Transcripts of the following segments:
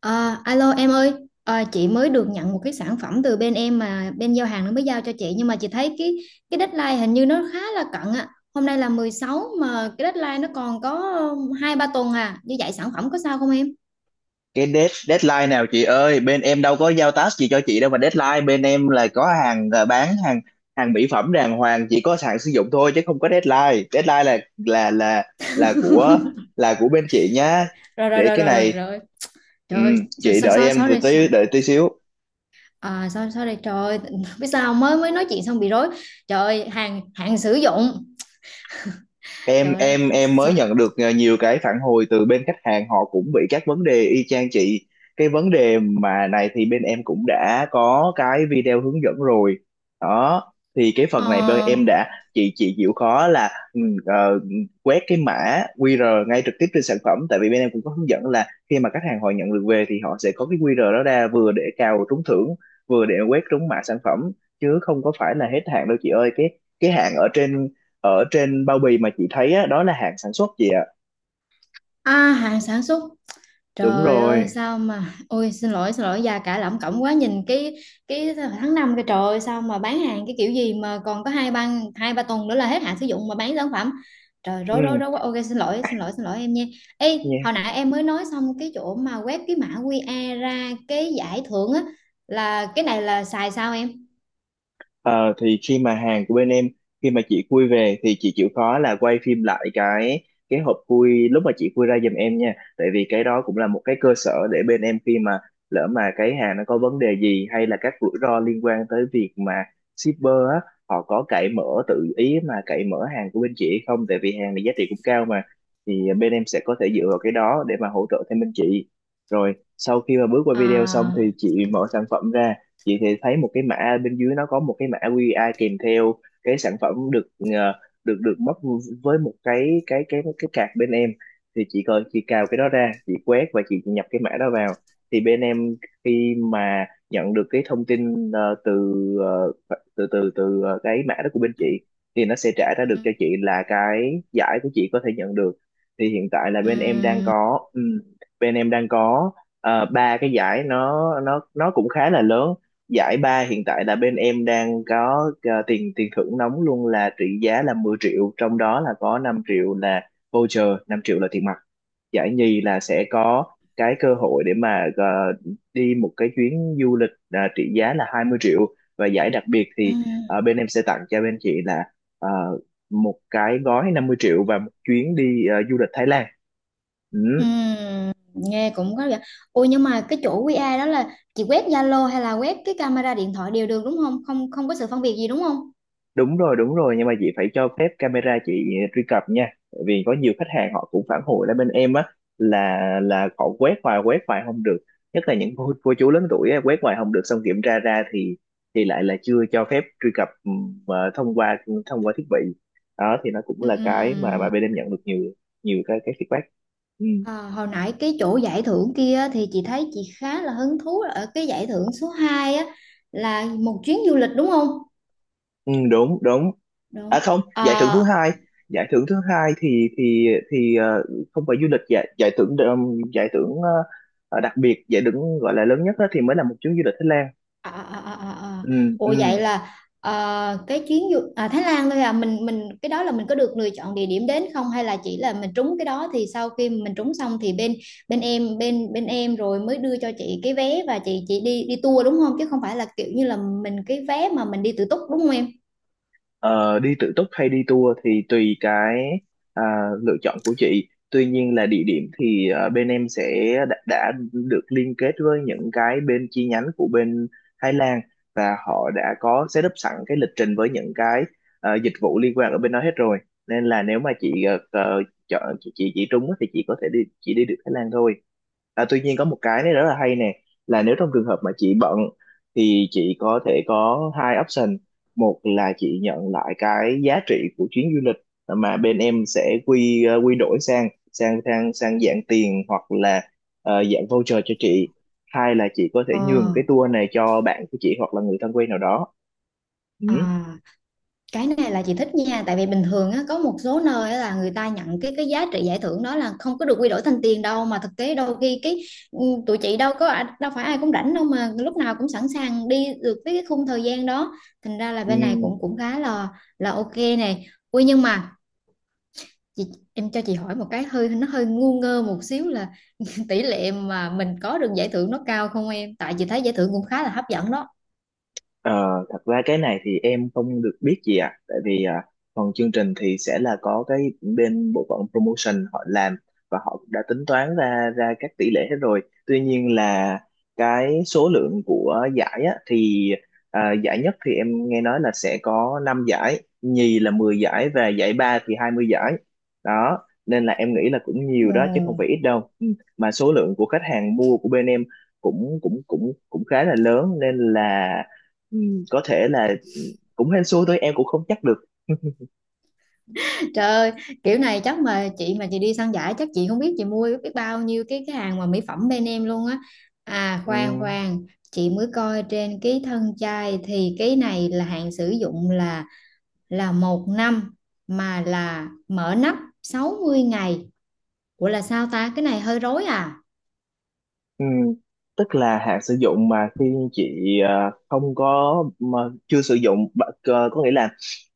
À, alo em ơi. Chị mới được nhận một cái sản phẩm từ bên em mà bên giao hàng nó mới giao cho chị, nhưng mà chị thấy cái deadline hình như nó khá là cận ạ. Hôm nay là 16 mà cái deadline nó còn có 2-3 tuần à. Như vậy sản phẩm có sao không em? Cái deadline nào chị ơi? Bên em đâu có giao task gì cho chị đâu, mà deadline bên em là có hàng, bán hàng, hàng mỹ phẩm đàng hoàng, chỉ có hàng sử dụng thôi chứ không có deadline deadline. Là của bên chị nhá. Rồi rồi Để rồi cái rồi rồi này... rồi. ừ, Trời ơi, so, chị so, đợi so, em từ sorry. Tí, đợi tí xíu. Sorry trời ơi, biết sao mới mới nói chuyện xong bị rối. Trời ơi, hàng hàng sử dụng. em Trời ơi, em em mới nhận được nhiều cái phản hồi từ bên khách hàng, họ cũng bị các vấn đề y chang chị. Cái vấn đề mà này thì bên em cũng đã có cái video hướng dẫn rồi đó, thì cái Ờ, phần này bên em đã... Chị chịu khó là quét cái mã QR ngay trực tiếp trên sản phẩm, tại vì bên em cũng có hướng dẫn là khi mà khách hàng họ nhận được về thì họ sẽ có cái QR đó ra, vừa để cào trúng thưởng, vừa để quét trúng mã sản phẩm, chứ không có phải là hết hạn đâu chị ơi. Cái hạn ở trên, ở trên bao bì mà chị thấy á, đó là hạn sản xuất chị ạ. à, hàng sản xuất. Đúng Trời rồi. ơi sao mà. Ôi, xin lỗi xin lỗi, già cả lẩm cẩm quá. Nhìn cái tháng 5 cái trời ơi, sao mà bán hàng cái kiểu gì mà còn có hai ba tuần nữa là hết hạn sử dụng mà bán sản phẩm. Trời, rối rối ừ, rối quá. Ok, xin lỗi xin lỗi xin lỗi em nha. Ê, Nha. hồi nãy em mới nói xong cái chỗ mà quét cái mã QR ra cái giải thưởng á. Là cái này là xài sao em? Ờ, thì khi mà hàng của bên em, khi mà chị khui về thì chị chịu khó là quay phim lại cái hộp khui lúc mà chị khui ra giùm em nha, tại vì cái đó cũng là một cái cơ sở để bên em khi mà lỡ mà cái hàng nó có vấn đề gì, hay là các rủi ro liên quan tới việc mà shipper á, họ có cậy mở, tự ý mà cậy mở hàng của bên chị hay không, tại vì hàng này giá trị cũng cao mà, thì bên em sẽ có thể dựa vào cái đó để mà hỗ trợ thêm bên chị. Rồi sau khi mà bước qua video xong À, thì chị mở sản phẩm ra, chị thì thấy một cái mã bên dưới, nó có một cái mã QR kèm theo. Cái sản phẩm được được được bóc, với một cái card bên em, thì chị coi, chị cào cái đó ra, chị quét và chị nhập cái mã đó vào, thì bên em khi mà nhận được cái thông tin từ, ờ, từ cái mã đó của bên chị, thì nó sẽ trả ra được ừ, cho chị là cái giải của chị có thể nhận được. Thì hiện tại là bên em đang ừ, có, bên em đang có ba cái giải, nó cũng khá là lớn. Giải ba hiện tại là bên em đang có tiền tiền thưởng nóng luôn, là trị giá là 10 triệu, trong đó là có 5 triệu là voucher, 5 triệu là tiền mặt. Giải nhì là sẽ có cái cơ hội để mà đi một cái chuyến du lịch, trị giá là 20 triệu. Và giải đặc biệt ừ. thì bên em sẽ tặng cho bên chị là ờ, một cái gói 50 triệu và một chuyến đi du lịch Thái Lan. Ừ. Nghe cũng có vẻ. Ôi nhưng mà cái chỗ QR đó là chị quét Zalo hay là quét cái camera điện thoại đều được đúng không, không có sự phân biệt gì đúng không? Đúng rồi, đúng rồi, nhưng mà chị phải cho phép camera chị truy cập nha. Tại vì có nhiều khách hàng họ cũng phản hồi lại bên em á, là họ quét hoài, quét hoài không được, nhất là những cô chú lớn tuổi á, quét hoài không được, xong kiểm tra ra thì lại là chưa cho phép truy cập, thông qua, thông qua thiết bị đó, thì nó cũng là cái mà Ừm, bên em nhận được nhiều, nhiều cái feedback. ừ, à, hồi nãy cái chỗ giải thưởng kia thì chị thấy chị khá là hứng thú ở cái giải thưởng số 2 á, là một chuyến du lịch đúng không? Ừ, đúng đúng. Đúng. Không, giải thưởng thứ À, hai, giải thưởng thứ hai thì không phải du lịch. Giải giải thưởng giải thưởng đặc biệt, giải thưởng gọi là lớn nhất đó, thì mới là một chuyến du lịch Thái Lan. à, à, à, à, à. ừ, ừ. Ủa vậy là ờ, cái chuyến à, Thái Lan thôi à, mình cái đó là mình có được lựa chọn địa điểm đến không hay là chỉ là mình trúng cái đó, thì sau khi mình trúng xong thì bên bên em rồi mới đưa cho chị cái vé và chị đi đi tour đúng không, chứ không phải là kiểu như là mình cái vé mà mình đi tự túc đúng không em? Ờ, Đi tự túc hay đi tour thì tùy cái à, lựa chọn của chị. Tuy nhiên là địa điểm thì bên em sẽ đã được liên kết với những cái bên chi nhánh của bên Thái Lan, và họ đã có setup sẵn cái lịch trình với những cái dịch vụ liên quan ở bên đó hết rồi. Nên là nếu mà chị chọn, chị trúng á thì chị có thể đi, chị đi được Thái Lan thôi. À, tuy nhiên có một cái này rất là hay nè, là nếu trong trường hợp mà chị bận thì chị có thể có hai option. Một là chị nhận lại cái giá trị của chuyến du lịch mà bên em sẽ quy đổi sang sang sang sang dạng tiền, hoặc là dạng voucher cho chị. Hai là chị có thể nhường Ờ, cái tour này cho bạn của chị, hoặc là người thân quen nào đó. Ừ. à. Cái này là chị thích nha, tại vì bình thường á, có một số nơi á, là người ta nhận cái giá trị giải thưởng đó là không có được quy đổi thành tiền đâu mà thực tế đôi khi cái ừ, tụi chị đâu phải ai cũng rảnh đâu mà lúc nào cũng sẵn sàng đi được với cái khung thời gian đó. Thành ra là Ừ. bên này cũng cũng khá là ok này. Ui, nhưng mà chị, em cho chị hỏi một cái hơi nó hơi ngu ngơ một xíu là tỷ lệ mà mình có được giải thưởng nó cao không em, tại chị thấy giải thưởng cũng khá là hấp dẫn đó. Ờ, Thật ra cái này thì em không được biết gì ạ. Tại vì phần chương trình thì sẽ là có cái bên bộ phận promotion họ làm, và họ đã tính toán ra ra các tỷ lệ hết rồi. Tuy nhiên là cái số lượng của giải á, thì giải nhất thì em nghe nói là sẽ có 5 giải, nhì là 10 giải, và giải ba thì 20 giải. Đó, nên là em nghĩ là cũng Ừ. nhiều đó, chứ không phải ít đâu. Ừ. Mà số lượng của khách hàng mua của bên em cũng cũng cũng cũng khá là lớn nên là, Ừ, có thể là cũng hên xui thôi, em cũng không chắc được. Trời ơi, kiểu này chắc mà chị đi săn giải chắc chị không biết chị mua biết bao nhiêu cái hàng mà mỹ phẩm bên em luôn á. À, Ừ. khoan khoan, chị mới coi trên cái thân chai thì cái này là hạn sử dụng là một năm, mà là mở nắp 60 ngày. Ủa là sao ta? Cái này hơi rối à? Ừ, tức là hạn sử dụng mà khi chị không có mà chưa sử dụng có nghĩa là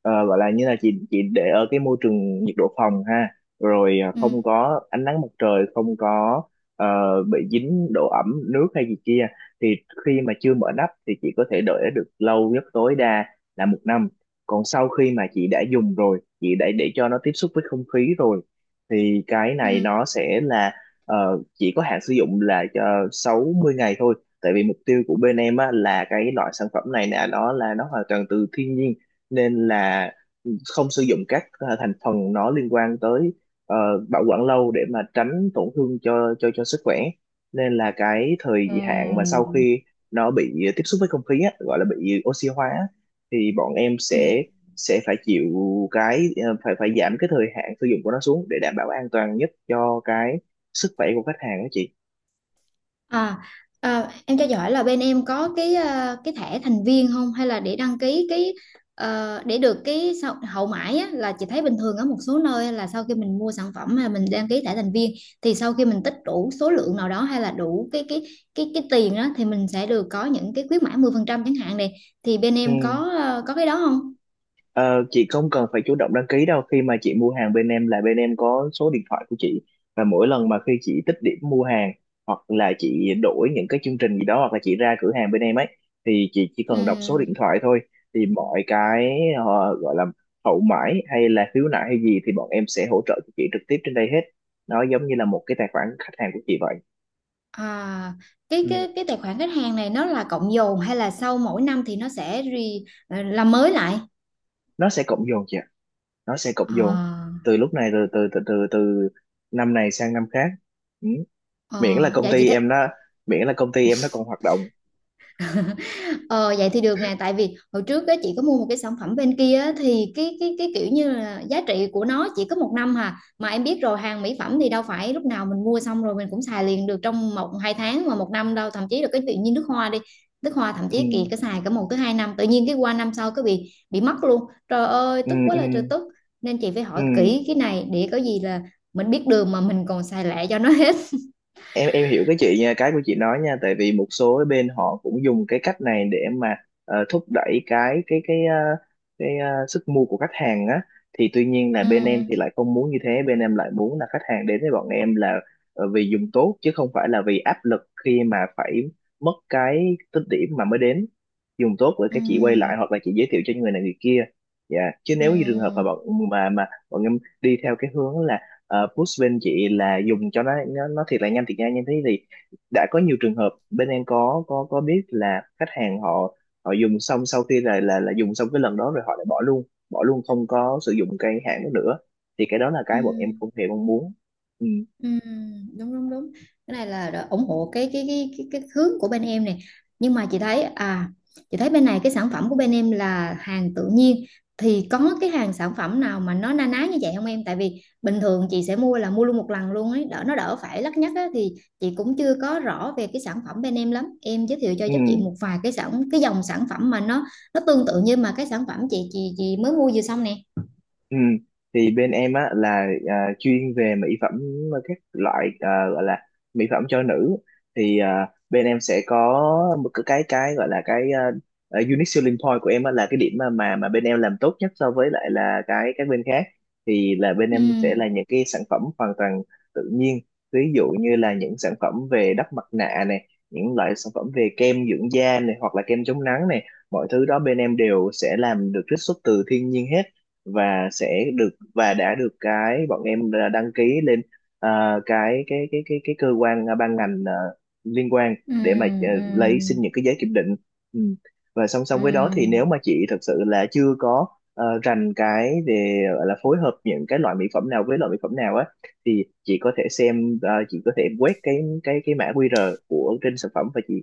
gọi là như là chị để ở cái môi trường nhiệt độ phòng ha, rồi Ừ. không có ánh nắng mặt trời, không có ờ, bị dính độ ẩm nước hay gì kia, thì khi mà chưa mở nắp thì chị có thể đợi được lâu nhất, tối đa là 1 năm. Còn sau khi mà chị đã dùng rồi, chị đã để cho nó tiếp xúc với không khí rồi, thì cái Ừ. này nó sẽ là ờ, chỉ có hạn sử dụng là cho 60 ngày thôi. Tại vì mục tiêu của bên em á, là cái loại sản phẩm này nè, đó là nó hoàn toàn từ thiên nhiên, nên là không sử dụng các thành phần nó liên quan tới ờ, bảo quản lâu, để mà tránh tổn thương cho sức khỏe. Nên là cái thời hạn mà Ừ. sau khi nó bị tiếp xúc với không khí á, gọi là bị oxy hóa á, thì bọn em Ừ. sẽ phải chịu cái phải, phải giảm cái thời hạn sử dụng của nó xuống, để đảm bảo an toàn nhất cho cái sức khỏe của khách hàng đó chị. À, à, em cho giỏi là bên em có cái cái thẻ thành viên không, hay là để đăng ký cái để được cái hậu mãi á, là chị thấy bình thường ở một số nơi là sau khi mình mua sản phẩm mà mình đăng ký thẻ thành viên thì sau khi mình tích đủ số lượng nào đó hay là đủ cái tiền đó thì mình sẽ được có những cái khuyến mãi 10% chẳng hạn này, thì bên em Ừ. Có cái đó không? Ờ, chị không cần phải chủ động đăng ký đâu, khi mà chị mua hàng bên em là bên em có số điện thoại của chị, và mỗi lần mà khi chị tích điểm mua hàng, hoặc là chị đổi những cái chương trình gì đó, hoặc là chị ra cửa hàng bên em ấy, thì chị chỉ cần đọc số điện Ừm, thoại thôi. Thì mọi cái gọi là hậu mãi, hay là khiếu nại hay gì thì bọn em sẽ hỗ trợ cho chị trực tiếp trên đây hết, nó giống như là một cái tài khoản khách hàng của chị vậy. à, cái Ừ. cái cái tài khoản khách hàng này nó là cộng dồn hay là sau mỗi năm thì nó sẽ làm mới lại? Nó sẽ cộng dồn chị, nó sẽ cộng dồn À. từ lúc này rồi, từ từ từ từ năm này sang năm khác. Ừ. Ờ, Miễn là công dạ chị ty thấy em nó, miễn là công ty em nó còn hoạt động. ờ, vậy thì được nè, tại vì hồi trước á, chị có mua một cái sản phẩm bên kia á, thì cái kiểu như là giá trị của nó chỉ có một năm hà, mà em biết rồi hàng mỹ phẩm thì đâu phải lúc nào mình mua xong rồi mình cũng xài liền được trong một hai tháng mà một năm đâu, thậm chí là cái tự nhiên nước hoa đi, nước hoa thậm Ừ. chí kỳ cái xài cả một tới hai năm tự nhiên cái qua năm sau cái bị mất luôn. Trời ơi Ừ, tức quá, ừ, là trời tức, nên chị phải ừ. hỏi kỹ cái này để có gì là mình biết đường mà mình còn xài lẹ cho nó hết. Em hiểu cái chị nha, cái của chị nói nha, tại vì một số cái bên họ cũng dùng cái cách này để mà thúc đẩy cái cái sức mua của khách hàng á, thì tuy nhiên là Ừ, bên em thì lại không muốn như thế. Bên em lại muốn là khách hàng đến với bọn em là vì dùng tốt, chứ không phải là vì áp lực khi mà phải mất cái tích điểm mà mới đến. Dùng tốt rồi ừ, cái chị quay lại, hoặc là chị giới thiệu cho người này người kia. Dạ. Chứ ừ, nếu như trường hợp mà bọn em đi theo cái hướng là push bên chị là dùng cho nó, nó thiệt là nhanh, thiệt nhanh như thế, thì đã có nhiều trường hợp bên em có biết là khách hàng họ, họ dùng xong, sau khi là dùng xong cái lần đó rồi, họ lại bỏ luôn, bỏ luôn, không có sử dụng cái hãng đó nữa, thì cái đó là ừ. cái bọn em không hề mong muốn. Ừ. Ừm, đúng đúng đúng, cái này là đã ủng hộ cái hướng của bên em này, nhưng mà chị thấy bên này cái sản phẩm của bên em là hàng tự nhiên thì có cái hàng sản phẩm nào mà nó na ná như vậy không em, tại vì bình thường chị sẽ mua là mua luôn một lần luôn ấy đỡ nó đỡ phải lắt nhắt á, thì chị cũng chưa có rõ về cái sản phẩm bên em lắm, em giới thiệu cho Ừ. giúp chị một vài cái cái dòng sản phẩm mà nó tương tự như mà cái sản phẩm chị mới mua vừa xong nè. Ừ. Thì bên em á, là chuyên về mỹ phẩm, các loại gọi là mỹ phẩm cho nữ. Thì bên em sẽ có một cái gọi là cái unique selling point của em á, là cái điểm mà bên em làm tốt nhất so với lại là cái các bên khác, thì là bên em sẽ Ừm, là những cái sản phẩm hoàn toàn tự nhiên. Ví dụ như là những sản phẩm về đắp mặt nạ này, những loại sản phẩm về kem dưỡng da này, hoặc là kem chống nắng này. Mọi thứ đó bên em đều sẽ làm được, trích xuất từ thiên nhiên hết, và sẽ được, và đã được, cái bọn em đã đăng ký lên cái cơ quan, ban ngành liên quan, để mà ừm, lấy xin ừm, những cái giấy kiểm định. Ừ. Và song song với đó thì nếu ừm. mà chị thật sự là chưa có rành cái về gọi là phối hợp những cái loại mỹ phẩm nào với loại mỹ phẩm nào á, thì chị có thể xem, chị có thể quét cái mã QR của trên sản phẩm, và chị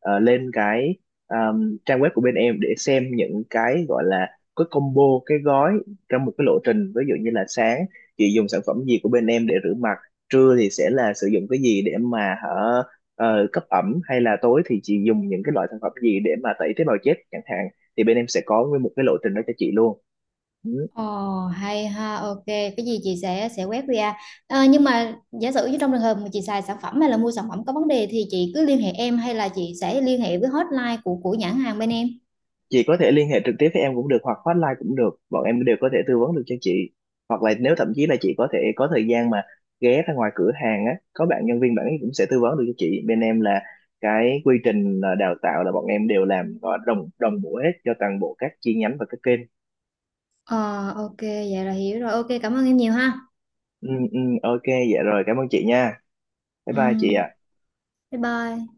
lên cái à, trang web của bên em để xem những cái gọi là cái combo, cái gói, trong một cái lộ trình. Ví dụ như là sáng chị dùng sản phẩm gì của bên em để rửa mặt, trưa thì sẽ là sử dụng cái gì để mà hở, cấp ẩm, hay là tối thì chị dùng những cái loại sản phẩm gì để mà tẩy tế bào chết chẳng hạn, thì bên em sẽ có nguyên một cái lộ trình đó cho chị luôn. Ừ. Ồ, hay ha, ok. Cái gì chị sẽ quét QR. Ờ, nhưng mà giả sử như trong trường hợp mà chị xài sản phẩm hay là mua sản phẩm có vấn đề thì chị cứ liên hệ em hay là chị sẽ liên hệ với hotline của nhãn hàng bên em. Chị có thể liên hệ trực tiếp với em cũng được, hoặc hotline cũng được, bọn em đều có thể tư vấn được cho chị. Hoặc là nếu thậm chí là chị có thể có thời gian mà ghé ra ngoài cửa hàng á, có bạn nhân viên bạn ấy cũng sẽ tư vấn được cho chị. Bên em là cái quy trình đào tạo là bọn em đều làm gọi đồng đồng bộ hết cho toàn bộ các chi nhánh và các kênh. Ờ, ok, vậy là hiểu rồi. Ok, cảm ơn em nhiều ha. Ừ, ừ, ok. Dạ rồi, cảm ơn chị nha. Bye bye chị Ừ, ạ. bye bye.